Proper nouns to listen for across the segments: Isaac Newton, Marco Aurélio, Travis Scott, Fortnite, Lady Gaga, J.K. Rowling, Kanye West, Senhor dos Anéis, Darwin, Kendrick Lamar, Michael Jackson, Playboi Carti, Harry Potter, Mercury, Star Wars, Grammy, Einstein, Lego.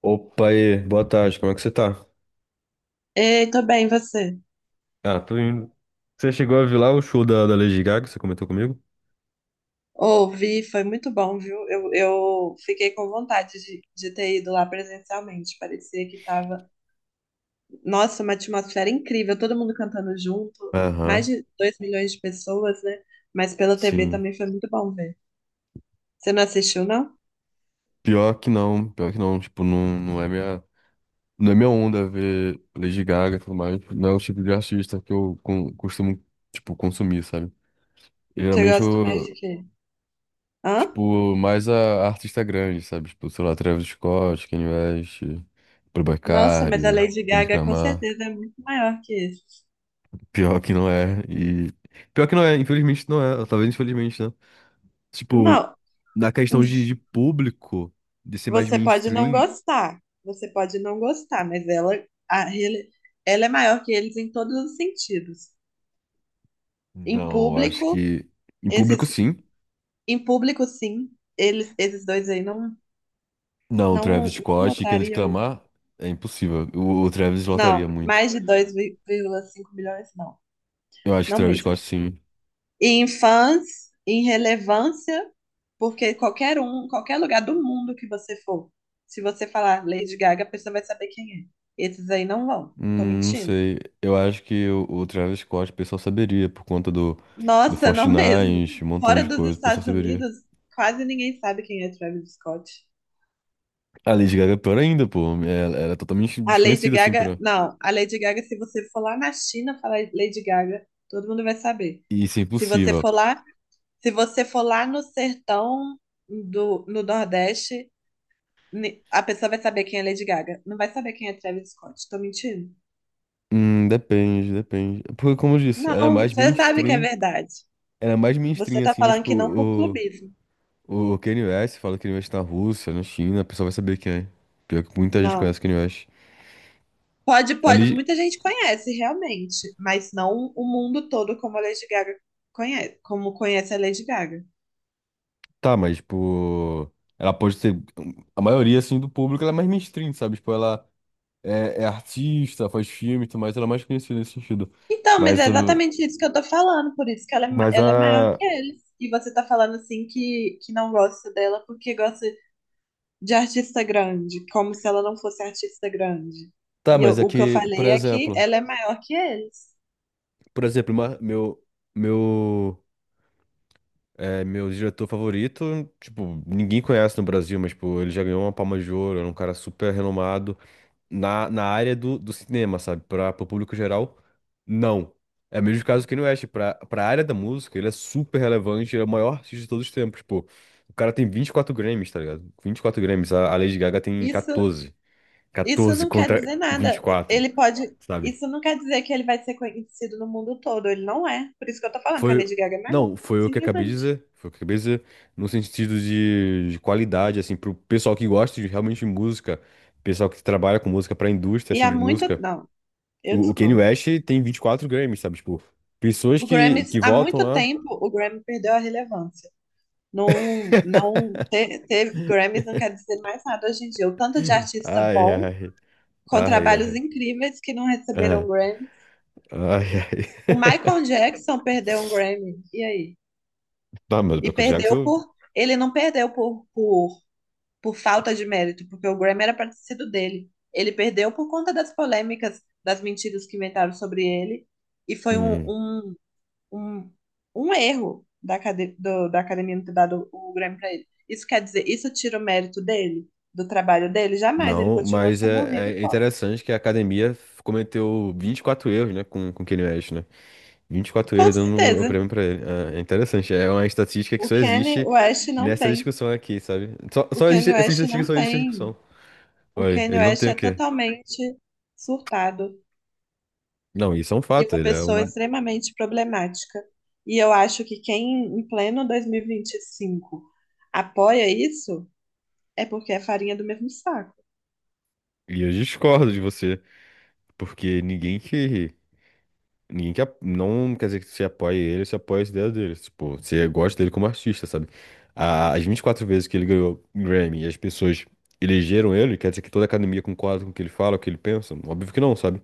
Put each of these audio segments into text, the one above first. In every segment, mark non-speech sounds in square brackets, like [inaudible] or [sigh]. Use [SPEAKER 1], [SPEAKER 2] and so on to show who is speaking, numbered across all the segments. [SPEAKER 1] Opa, aí, boa tarde, como é que você tá?
[SPEAKER 2] Ei, tô bem, e você?
[SPEAKER 1] Ah, tô indo. Você chegou a ver lá o show da Lady Gaga, que você comentou comigo?
[SPEAKER 2] Ouvi, foi muito bom, viu? Eu fiquei com vontade de ter ido lá presencialmente. Parecia que tava, nossa, uma atmosfera incrível, todo mundo cantando junto, mais
[SPEAKER 1] Aham,
[SPEAKER 2] de 2 milhões de pessoas, né? Mas pela TV
[SPEAKER 1] sim.
[SPEAKER 2] também foi muito bom ver. Você não assistiu, não?
[SPEAKER 1] Pior que não, tipo, não, não é minha onda ver Lady Gaga e tudo mais, não é o tipo de artista que eu costumo, tipo, consumir, sabe?
[SPEAKER 2] Você
[SPEAKER 1] Geralmente
[SPEAKER 2] gosta mais
[SPEAKER 1] eu,
[SPEAKER 2] de quê? Hã?
[SPEAKER 1] tipo, mais a artista grande, sabe? Tipo, sei lá, Travis Scott, Kanye West, Playboi
[SPEAKER 2] Nossa, mas a
[SPEAKER 1] Carti,
[SPEAKER 2] Lady
[SPEAKER 1] Kendrick
[SPEAKER 2] Gaga com
[SPEAKER 1] Lamar.
[SPEAKER 2] certeza é muito maior que isso.
[SPEAKER 1] Pior que não é, e... Pior que não é, infelizmente não é, talvez infelizmente, né? Tipo,
[SPEAKER 2] Não.
[SPEAKER 1] na questão
[SPEAKER 2] [laughs]
[SPEAKER 1] de público, de ser mais
[SPEAKER 2] Você pode não
[SPEAKER 1] mainstream,
[SPEAKER 2] gostar, você pode não gostar, mas ela, a rele- ela é maior que eles em todos os sentidos. Em
[SPEAKER 1] não, eu acho
[SPEAKER 2] público,
[SPEAKER 1] que em público
[SPEAKER 2] esses,
[SPEAKER 1] sim.
[SPEAKER 2] em público, sim, eles, esses dois aí não,
[SPEAKER 1] Não, o
[SPEAKER 2] não,
[SPEAKER 1] Travis
[SPEAKER 2] não
[SPEAKER 1] Scott e Kendrick
[SPEAKER 2] votariam.
[SPEAKER 1] Lamar é impossível. O Travis
[SPEAKER 2] Não,
[SPEAKER 1] lotaria muito.
[SPEAKER 2] mais de 2,5 milhões, não.
[SPEAKER 1] Eu acho que o
[SPEAKER 2] Não
[SPEAKER 1] Travis
[SPEAKER 2] mesmo.
[SPEAKER 1] Scott sim.
[SPEAKER 2] E em fãs, em relevância, porque qualquer um, qualquer lugar do mundo que você for, se você falar Lady Gaga, a pessoa vai saber quem é. Esses aí não vão. Tô
[SPEAKER 1] Não
[SPEAKER 2] mentindo?
[SPEAKER 1] sei. Eu acho que o Travis Scott o pessoal saberia por conta do
[SPEAKER 2] Nossa, não mesmo.
[SPEAKER 1] Fortnite, um montão
[SPEAKER 2] Fora
[SPEAKER 1] de
[SPEAKER 2] dos
[SPEAKER 1] coisa, o pessoal
[SPEAKER 2] Estados
[SPEAKER 1] saberia.
[SPEAKER 2] Unidos, quase ninguém sabe quem é Travis Scott.
[SPEAKER 1] A Lady Gaga é pior ainda, pô. Ela é totalmente
[SPEAKER 2] A Lady
[SPEAKER 1] desconhecida assim
[SPEAKER 2] Gaga,
[SPEAKER 1] pra.
[SPEAKER 2] não, a Lady Gaga, se você for lá na China falar Lady Gaga, todo mundo vai saber.
[SPEAKER 1] Isso é
[SPEAKER 2] Se você
[SPEAKER 1] impossível.
[SPEAKER 2] for lá, se você for lá no sertão no Nordeste, a pessoa vai saber quem é Lady Gaga. Não vai saber quem é Travis Scott. Tô mentindo?
[SPEAKER 1] Depende, depende. Porque, como eu disse, ela é
[SPEAKER 2] Não,
[SPEAKER 1] mais
[SPEAKER 2] você sabe que é
[SPEAKER 1] mainstream.
[SPEAKER 2] verdade.
[SPEAKER 1] Era mais
[SPEAKER 2] Você
[SPEAKER 1] mainstream,
[SPEAKER 2] tá
[SPEAKER 1] assim, mas,
[SPEAKER 2] falando
[SPEAKER 1] tipo,
[SPEAKER 2] que não por
[SPEAKER 1] o,
[SPEAKER 2] clubismo.
[SPEAKER 1] o Kanye West, fala que Kanye West tá na Rússia, na China, a pessoa vai saber quem é. Pior que muita gente conhece
[SPEAKER 2] Não.
[SPEAKER 1] o Kanye West.
[SPEAKER 2] Pode, pode.
[SPEAKER 1] Ali,
[SPEAKER 2] Muita gente conhece, realmente, mas não o mundo todo como a Lady Gaga conhece, como conhece a Lady Gaga.
[SPEAKER 1] tá, mas, tipo, ela pode ser. A maioria, assim, do público, ela é mais mainstream, sabe? Tipo, ela é artista, faz filme e tudo mais, ela é mais conhecida nesse sentido.
[SPEAKER 2] Então, mas
[SPEAKER 1] Mas,
[SPEAKER 2] é
[SPEAKER 1] o-
[SPEAKER 2] exatamente isso que eu tô falando, por isso que ela é,
[SPEAKER 1] mas
[SPEAKER 2] ela é maior
[SPEAKER 1] a.
[SPEAKER 2] que eles. E você tá falando assim que, não gosta dela porque gosta de artista grande, como se ela não fosse artista grande.
[SPEAKER 1] Tá,
[SPEAKER 2] E eu-
[SPEAKER 1] mas
[SPEAKER 2] o que eu
[SPEAKER 1] aqui, por
[SPEAKER 2] falei é que
[SPEAKER 1] exemplo.
[SPEAKER 2] ela é maior que eles.
[SPEAKER 1] Por exemplo, meu. É meu diretor favorito, tipo, ninguém conhece no Brasil, mas, tipo, ele já ganhou uma Palma de Ouro, é um cara super renomado na área do cinema, sabe? Para o público geral, não. É o mesmo caso que no West, pra área da música, ele é super relevante, ele é o maior artista de todos os tempos, pô. O cara tem 24 Grammys, tá ligado? 24 Grammys, a Lady Gaga tem
[SPEAKER 2] Isso
[SPEAKER 1] 14.
[SPEAKER 2] Isso
[SPEAKER 1] 14
[SPEAKER 2] não quer
[SPEAKER 1] contra
[SPEAKER 2] dizer
[SPEAKER 1] vinte e
[SPEAKER 2] nada.
[SPEAKER 1] quatro,
[SPEAKER 2] Ele pode.
[SPEAKER 1] sabe?
[SPEAKER 2] Isso não quer dizer que ele vai ser conhecido no mundo todo. Ele não é. Por isso que eu tô falando que a
[SPEAKER 1] Foi.
[SPEAKER 2] Lady Gaga é melhor.
[SPEAKER 1] Não, foi o que eu acabei de
[SPEAKER 2] Simplesmente.
[SPEAKER 1] dizer. Foi o que eu acabei de dizer. No sentido de qualidade, assim, pro pessoal que gosta de realmente de música, pessoal que trabalha com música, pra indústria,
[SPEAKER 2] E
[SPEAKER 1] assim,
[SPEAKER 2] há
[SPEAKER 1] de
[SPEAKER 2] muito.
[SPEAKER 1] música.
[SPEAKER 2] Não, eu
[SPEAKER 1] O Kanye
[SPEAKER 2] discordo.
[SPEAKER 1] West tem 24 Grammys, sabe? Tipo, pessoas
[SPEAKER 2] O
[SPEAKER 1] que,
[SPEAKER 2] Grammy,
[SPEAKER 1] que
[SPEAKER 2] há
[SPEAKER 1] votam
[SPEAKER 2] muito
[SPEAKER 1] lá.
[SPEAKER 2] tempo, o Grammy perdeu a relevância. Não, não ter Grammys não quer dizer mais nada hoje em dia. O tanto de artista
[SPEAKER 1] Ai,
[SPEAKER 2] bom,
[SPEAKER 1] ai,
[SPEAKER 2] com
[SPEAKER 1] ai,
[SPEAKER 2] trabalhos
[SPEAKER 1] ai.
[SPEAKER 2] incríveis que não
[SPEAKER 1] Ah,
[SPEAKER 2] receberam Grammy.
[SPEAKER 1] ai, ai.
[SPEAKER 2] O
[SPEAKER 1] [laughs]
[SPEAKER 2] Michael Jackson perdeu um Grammy. E aí?
[SPEAKER 1] Tá, mas o
[SPEAKER 2] E
[SPEAKER 1] Michael
[SPEAKER 2] perdeu
[SPEAKER 1] Jackson.
[SPEAKER 2] por. Ele não perdeu por falta de mérito, porque o Grammy era para ter sido dele. Ele perdeu por conta das polêmicas, das mentiras que inventaram sobre ele, e foi
[SPEAKER 1] hum,
[SPEAKER 2] um, um erro da academia não ter dado o Grammy para ele. Isso quer dizer, isso tira o mérito dele, do trabalho dele? Jamais, ele
[SPEAKER 1] Não,
[SPEAKER 2] continua
[SPEAKER 1] mas
[SPEAKER 2] sendo o rei
[SPEAKER 1] é,
[SPEAKER 2] do
[SPEAKER 1] é
[SPEAKER 2] pop.
[SPEAKER 1] interessante que a academia cometeu 24 erros, né, com Kanye West, né? Vinte e quatro
[SPEAKER 2] Com
[SPEAKER 1] erros dando o
[SPEAKER 2] certeza.
[SPEAKER 1] prêmio pra ele. É interessante. É uma estatística que
[SPEAKER 2] O
[SPEAKER 1] só
[SPEAKER 2] Kanye
[SPEAKER 1] existe
[SPEAKER 2] West não
[SPEAKER 1] nessa
[SPEAKER 2] tem.
[SPEAKER 1] discussão aqui, sabe? Só,
[SPEAKER 2] O
[SPEAKER 1] só existe,
[SPEAKER 2] Kanye
[SPEAKER 1] essa
[SPEAKER 2] West
[SPEAKER 1] estatística
[SPEAKER 2] não
[SPEAKER 1] só existe nessa discussão.
[SPEAKER 2] tem. O
[SPEAKER 1] Olha,
[SPEAKER 2] Kanye
[SPEAKER 1] ele não
[SPEAKER 2] West
[SPEAKER 1] tem o
[SPEAKER 2] é
[SPEAKER 1] quê?
[SPEAKER 2] totalmente surtado,
[SPEAKER 1] Não, isso é um
[SPEAKER 2] e
[SPEAKER 1] fato.
[SPEAKER 2] uma
[SPEAKER 1] Ele é
[SPEAKER 2] pessoa
[SPEAKER 1] um.
[SPEAKER 2] extremamente problemática. E eu acho que quem, em pleno 2025, apoia isso é porque é farinha do mesmo saco.
[SPEAKER 1] E eu discordo de você. Porque ninguém que. Ninguém que. Não quer dizer que você apoie ele, você apoia as ideias dele. Tipo, você gosta dele como artista, sabe? As 24 vezes que ele ganhou Grammy e as pessoas elegeram ele, quer dizer que toda a academia concorda com o que ele fala, o que ele pensa? Óbvio que não, sabe?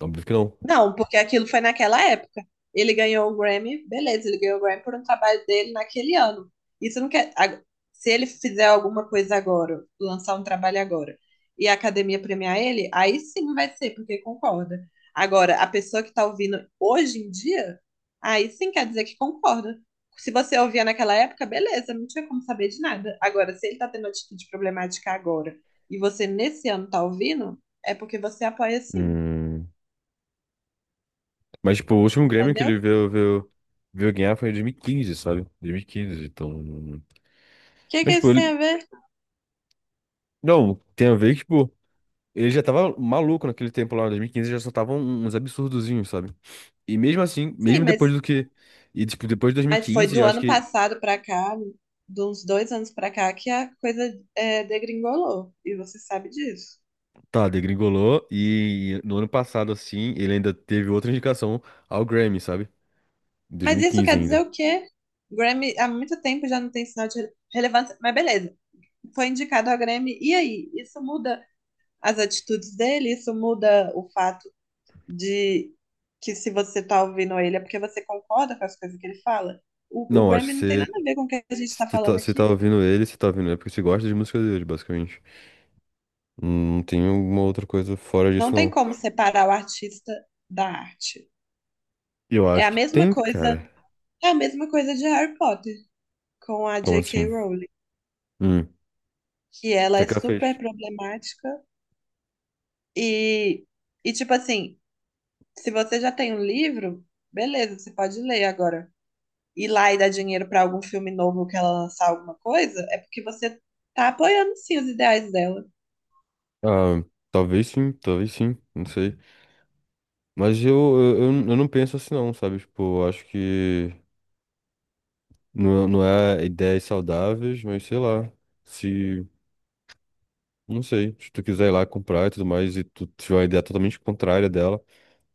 [SPEAKER 1] Óbvio que não.
[SPEAKER 2] Não, porque aquilo foi naquela época. Ele ganhou o Grammy, beleza, ele ganhou o Grammy por um trabalho dele naquele ano. Isso não quer. Se ele fizer alguma coisa agora, lançar um trabalho agora, e a academia premiar ele, aí sim vai ser, porque concorda. Agora, a pessoa que tá ouvindo hoje em dia, aí sim quer dizer que concorda. Se você ouvia naquela época, beleza, não tinha como saber de nada. Agora, se ele tá tendo atitude problemática agora, e você nesse ano tá ouvindo, é porque você apoia sim,
[SPEAKER 1] Hum, Mas, tipo, o último Grêmio que
[SPEAKER 2] entendeu?
[SPEAKER 1] ele veio, ganhar foi em 2015, sabe? 2015, então...
[SPEAKER 2] Que que
[SPEAKER 1] Mas, tipo,
[SPEAKER 2] isso tem a
[SPEAKER 1] ele...
[SPEAKER 2] ver?
[SPEAKER 1] Não, tem a ver que, tipo, ele já tava maluco naquele tempo lá, em 2015, já só tava uns absurdozinhos, sabe? E mesmo assim,
[SPEAKER 2] Sim,
[SPEAKER 1] mesmo depois
[SPEAKER 2] mas,
[SPEAKER 1] do que... E, tipo, depois de
[SPEAKER 2] mas foi
[SPEAKER 1] 2015,
[SPEAKER 2] do
[SPEAKER 1] eu acho
[SPEAKER 2] ano
[SPEAKER 1] que,
[SPEAKER 2] passado pra cá, de uns dois anos pra cá, que a coisa é, degringolou. E você sabe disso.
[SPEAKER 1] tá, degringolou e no ano passado, assim, ele ainda teve outra indicação ao Grammy, sabe? Em dois mil
[SPEAKER 2] Mas
[SPEAKER 1] e
[SPEAKER 2] isso
[SPEAKER 1] quinze
[SPEAKER 2] quer dizer
[SPEAKER 1] ainda.
[SPEAKER 2] o quê? Grammy há muito tempo já não tem sinal de relevância. Mas beleza, foi indicado ao Grammy. E aí? Isso muda as atitudes dele? Isso muda o fato de que se você tá ouvindo ele é porque você concorda com as coisas que ele fala? O
[SPEAKER 1] Não, acho que
[SPEAKER 2] Grammy não tem
[SPEAKER 1] você...
[SPEAKER 2] nada a ver com o que a gente tá
[SPEAKER 1] Você tá,
[SPEAKER 2] falando
[SPEAKER 1] você tá
[SPEAKER 2] aqui.
[SPEAKER 1] ouvindo ele, você tá ouvindo ele porque você gosta de música dele, basicamente. Não tem alguma outra coisa fora disso,
[SPEAKER 2] Não tem
[SPEAKER 1] não.
[SPEAKER 2] como separar o artista da arte.
[SPEAKER 1] Eu
[SPEAKER 2] É
[SPEAKER 1] acho
[SPEAKER 2] a
[SPEAKER 1] que
[SPEAKER 2] mesma
[SPEAKER 1] tem,
[SPEAKER 2] coisa,
[SPEAKER 1] cara.
[SPEAKER 2] é a mesma coisa de Harry Potter com a
[SPEAKER 1] Como
[SPEAKER 2] J.K.
[SPEAKER 1] assim?
[SPEAKER 2] Rowling,
[SPEAKER 1] Hum. O
[SPEAKER 2] que ela
[SPEAKER 1] que é
[SPEAKER 2] é
[SPEAKER 1] que ela fez?
[SPEAKER 2] super problemática e e tipo assim, se você já tem um livro, beleza, você pode ler agora. Ir lá e dar dinheiro pra algum filme novo que ela lançar alguma coisa, é porque você tá apoiando sim os ideais dela.
[SPEAKER 1] Ah, talvez sim, não sei. Mas eu não penso assim, não, sabe? Tipo, eu acho que não, não é ideias saudáveis, mas sei lá. Se, não sei, se tu quiser ir lá comprar e tudo mais, e tu tiver uma ideia totalmente contrária dela,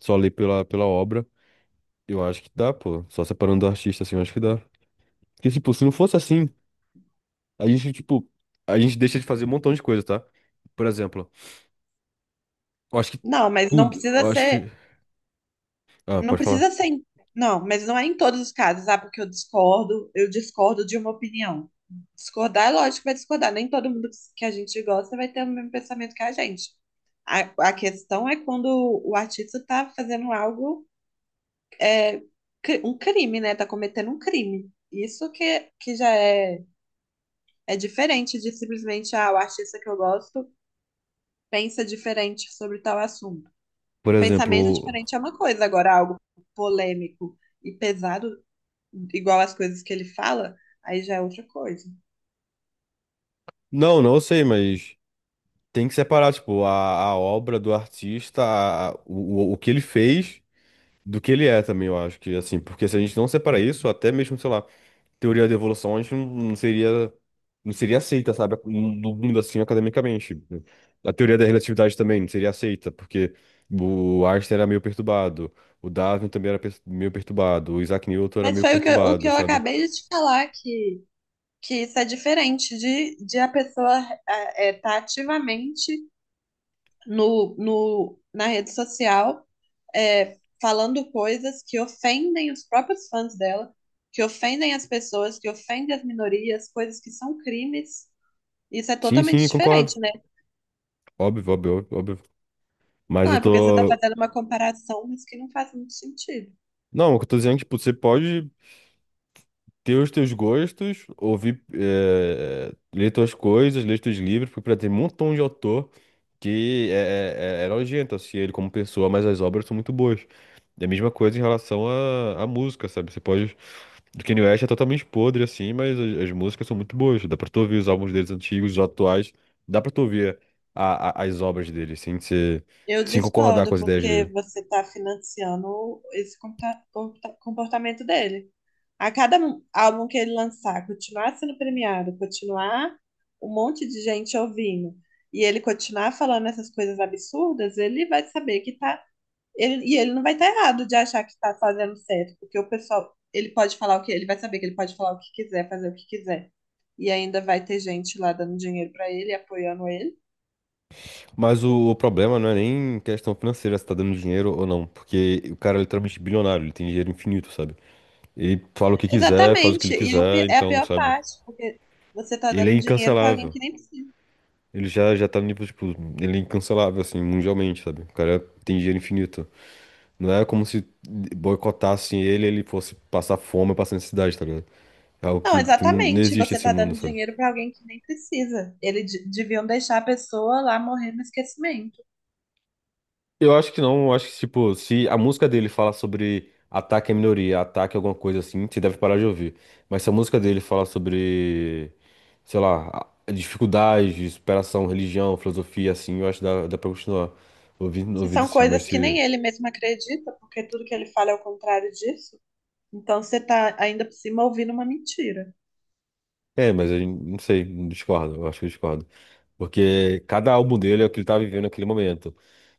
[SPEAKER 1] só ali pela obra, eu acho que dá, pô. Só separando do artista, assim, eu acho que dá. Porque, tipo, se não fosse assim. A gente, tipo, a gente deixa de fazer um montão de coisa, tá? Por exemplo, eu acho que
[SPEAKER 2] Não, mas não
[SPEAKER 1] tudo,
[SPEAKER 2] precisa
[SPEAKER 1] eu acho
[SPEAKER 2] ser.
[SPEAKER 1] que. Ah,
[SPEAKER 2] Não
[SPEAKER 1] pode falar.
[SPEAKER 2] precisa ser. Não, mas não é em todos os casos, sabe? Porque eu discordo de uma opinião. Discordar, é lógico que vai discordar. Nem todo mundo que a gente gosta vai ter o mesmo pensamento que a gente. A, a questão é quando o artista tá fazendo algo, um crime, né? Tá cometendo um crime. Isso que, que já é diferente de simplesmente, ah, o artista que eu gosto pensa diferente sobre tal assunto.
[SPEAKER 1] Por
[SPEAKER 2] Um pensamento
[SPEAKER 1] exemplo.
[SPEAKER 2] diferente é uma coisa, agora algo polêmico e pesado igual as coisas que ele fala, aí já é outra coisa.
[SPEAKER 1] Não, não sei, mas tem que separar, tipo, a obra do artista, o que ele fez do que ele é também, eu acho que, assim, porque se a gente não separar isso, até mesmo, sei lá. Teoria da evolução a gente não seria aceita, sabe, no mundo assim academicamente. A teoria da relatividade também não seria aceita, porque o Einstein era meio perturbado, o Darwin também era meio perturbado, o Isaac Newton era
[SPEAKER 2] Mas
[SPEAKER 1] meio
[SPEAKER 2] foi o que, o que
[SPEAKER 1] perturbado,
[SPEAKER 2] eu
[SPEAKER 1] sabe?
[SPEAKER 2] acabei de te falar, que, que isso é diferente de a pessoa estar ativamente no, no, na rede social falando coisas que ofendem os próprios fãs dela, que ofendem as pessoas, que ofendem as minorias, coisas que são crimes. Isso é
[SPEAKER 1] Sim,
[SPEAKER 2] totalmente
[SPEAKER 1] sim, concordo.
[SPEAKER 2] diferente, né?
[SPEAKER 1] Óbvio, óbvio, óbvio. Mas
[SPEAKER 2] Não,
[SPEAKER 1] eu
[SPEAKER 2] é porque você está
[SPEAKER 1] tô.
[SPEAKER 2] fazendo uma comparação, mas que não faz muito sentido.
[SPEAKER 1] Não, o que eu tô dizendo, tipo, você pode ter os teus gostos, ouvir, ler tuas coisas, ler teus livros, porque tem um montão de autor que é nojento, assim, ele como pessoa, mas as obras são muito boas. É a mesma coisa em relação à música, sabe? Você pode. O Kanye West é totalmente podre, assim, mas as músicas são muito boas. Dá pra tu ouvir os álbuns deles antigos, os atuais. Dá pra tu ouvir as obras dele, assim,
[SPEAKER 2] Eu
[SPEAKER 1] sem concordar com
[SPEAKER 2] discordo,
[SPEAKER 1] as ideias
[SPEAKER 2] porque
[SPEAKER 1] dele.
[SPEAKER 2] você está financiando esse comportamento dele. A cada álbum que ele lançar, continuar sendo premiado, continuar um monte de gente ouvindo, e ele continuar falando essas coisas absurdas, ele vai saber que tá. E ele não vai estar errado de achar que está fazendo certo, porque o pessoal, ele pode falar o que, ele vai saber que ele pode falar o que quiser, fazer o que quiser. E ainda vai ter gente lá dando dinheiro para ele, apoiando ele.
[SPEAKER 1] Mas o problema não é nem questão financeira, se tá dando dinheiro ou não. Porque o cara é literalmente bilionário, ele tem dinheiro infinito, sabe? Ele fala o que quiser, faz o que ele
[SPEAKER 2] Exatamente. E é o
[SPEAKER 1] quiser,
[SPEAKER 2] é a
[SPEAKER 1] então,
[SPEAKER 2] pior
[SPEAKER 1] sabe?
[SPEAKER 2] parte, porque você tá
[SPEAKER 1] Ele é
[SPEAKER 2] dando dinheiro para alguém
[SPEAKER 1] incancelável.
[SPEAKER 2] que nem precisa.
[SPEAKER 1] Ele já, já tá no nível, tipo, ele é incancelável, assim, mundialmente, sabe? O cara tem dinheiro infinito. Não é como se boicotassem ele, e ele fosse passar fome, passar necessidade, tá ligado? É algo
[SPEAKER 2] Não,
[SPEAKER 1] que não
[SPEAKER 2] exatamente.
[SPEAKER 1] existe
[SPEAKER 2] Você
[SPEAKER 1] esse
[SPEAKER 2] tá
[SPEAKER 1] mundo,
[SPEAKER 2] dando
[SPEAKER 1] sabe?
[SPEAKER 2] dinheiro para alguém que nem precisa. Eles deviam deixar a pessoa lá morrer no esquecimento.
[SPEAKER 1] Eu acho que não, eu acho que, tipo, se a música dele fala sobre ataque à minoria, ataque a alguma coisa assim, você deve parar de ouvir. Mas se a música dele fala sobre, sei lá, dificuldades, superação, religião, filosofia, assim, eu acho que dá, pra continuar ouvindo,
[SPEAKER 2] Se
[SPEAKER 1] ouvindo
[SPEAKER 2] são
[SPEAKER 1] sim, mas
[SPEAKER 2] coisas que
[SPEAKER 1] se...
[SPEAKER 2] nem ele mesmo acredita, porque tudo que ele fala é o contrário disso, então você tá ainda por cima ouvindo uma mentira.
[SPEAKER 1] É, mas eu não sei, discordo, eu acho que eu discordo. Porque cada álbum dele é o que ele tá vivendo naquele momento.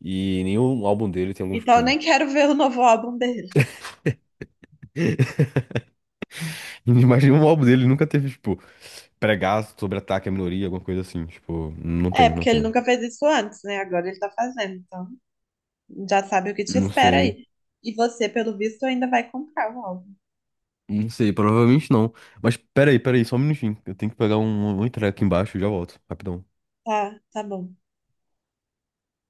[SPEAKER 1] E nenhum álbum dele tem algum,
[SPEAKER 2] Então eu
[SPEAKER 1] tipo.
[SPEAKER 2] nem quero ver o novo álbum dele.
[SPEAKER 1] Imagina um álbum dele nunca teve, tipo, pregar sobre ataque à minoria, alguma coisa assim. Tipo, não
[SPEAKER 2] É,
[SPEAKER 1] tem, não
[SPEAKER 2] porque ele
[SPEAKER 1] tem.
[SPEAKER 2] nunca fez isso antes, né? Agora ele tá fazendo, então já sabe o que te
[SPEAKER 1] Não
[SPEAKER 2] espera
[SPEAKER 1] sei.
[SPEAKER 2] aí. E você, pelo visto, ainda vai comprar o álbum.
[SPEAKER 1] Não sei, provavelmente não. Mas peraí, peraí, só um minutinho. Eu tenho que pegar um entrega aqui embaixo e já volto. Rapidão.
[SPEAKER 2] Tá, tá bom.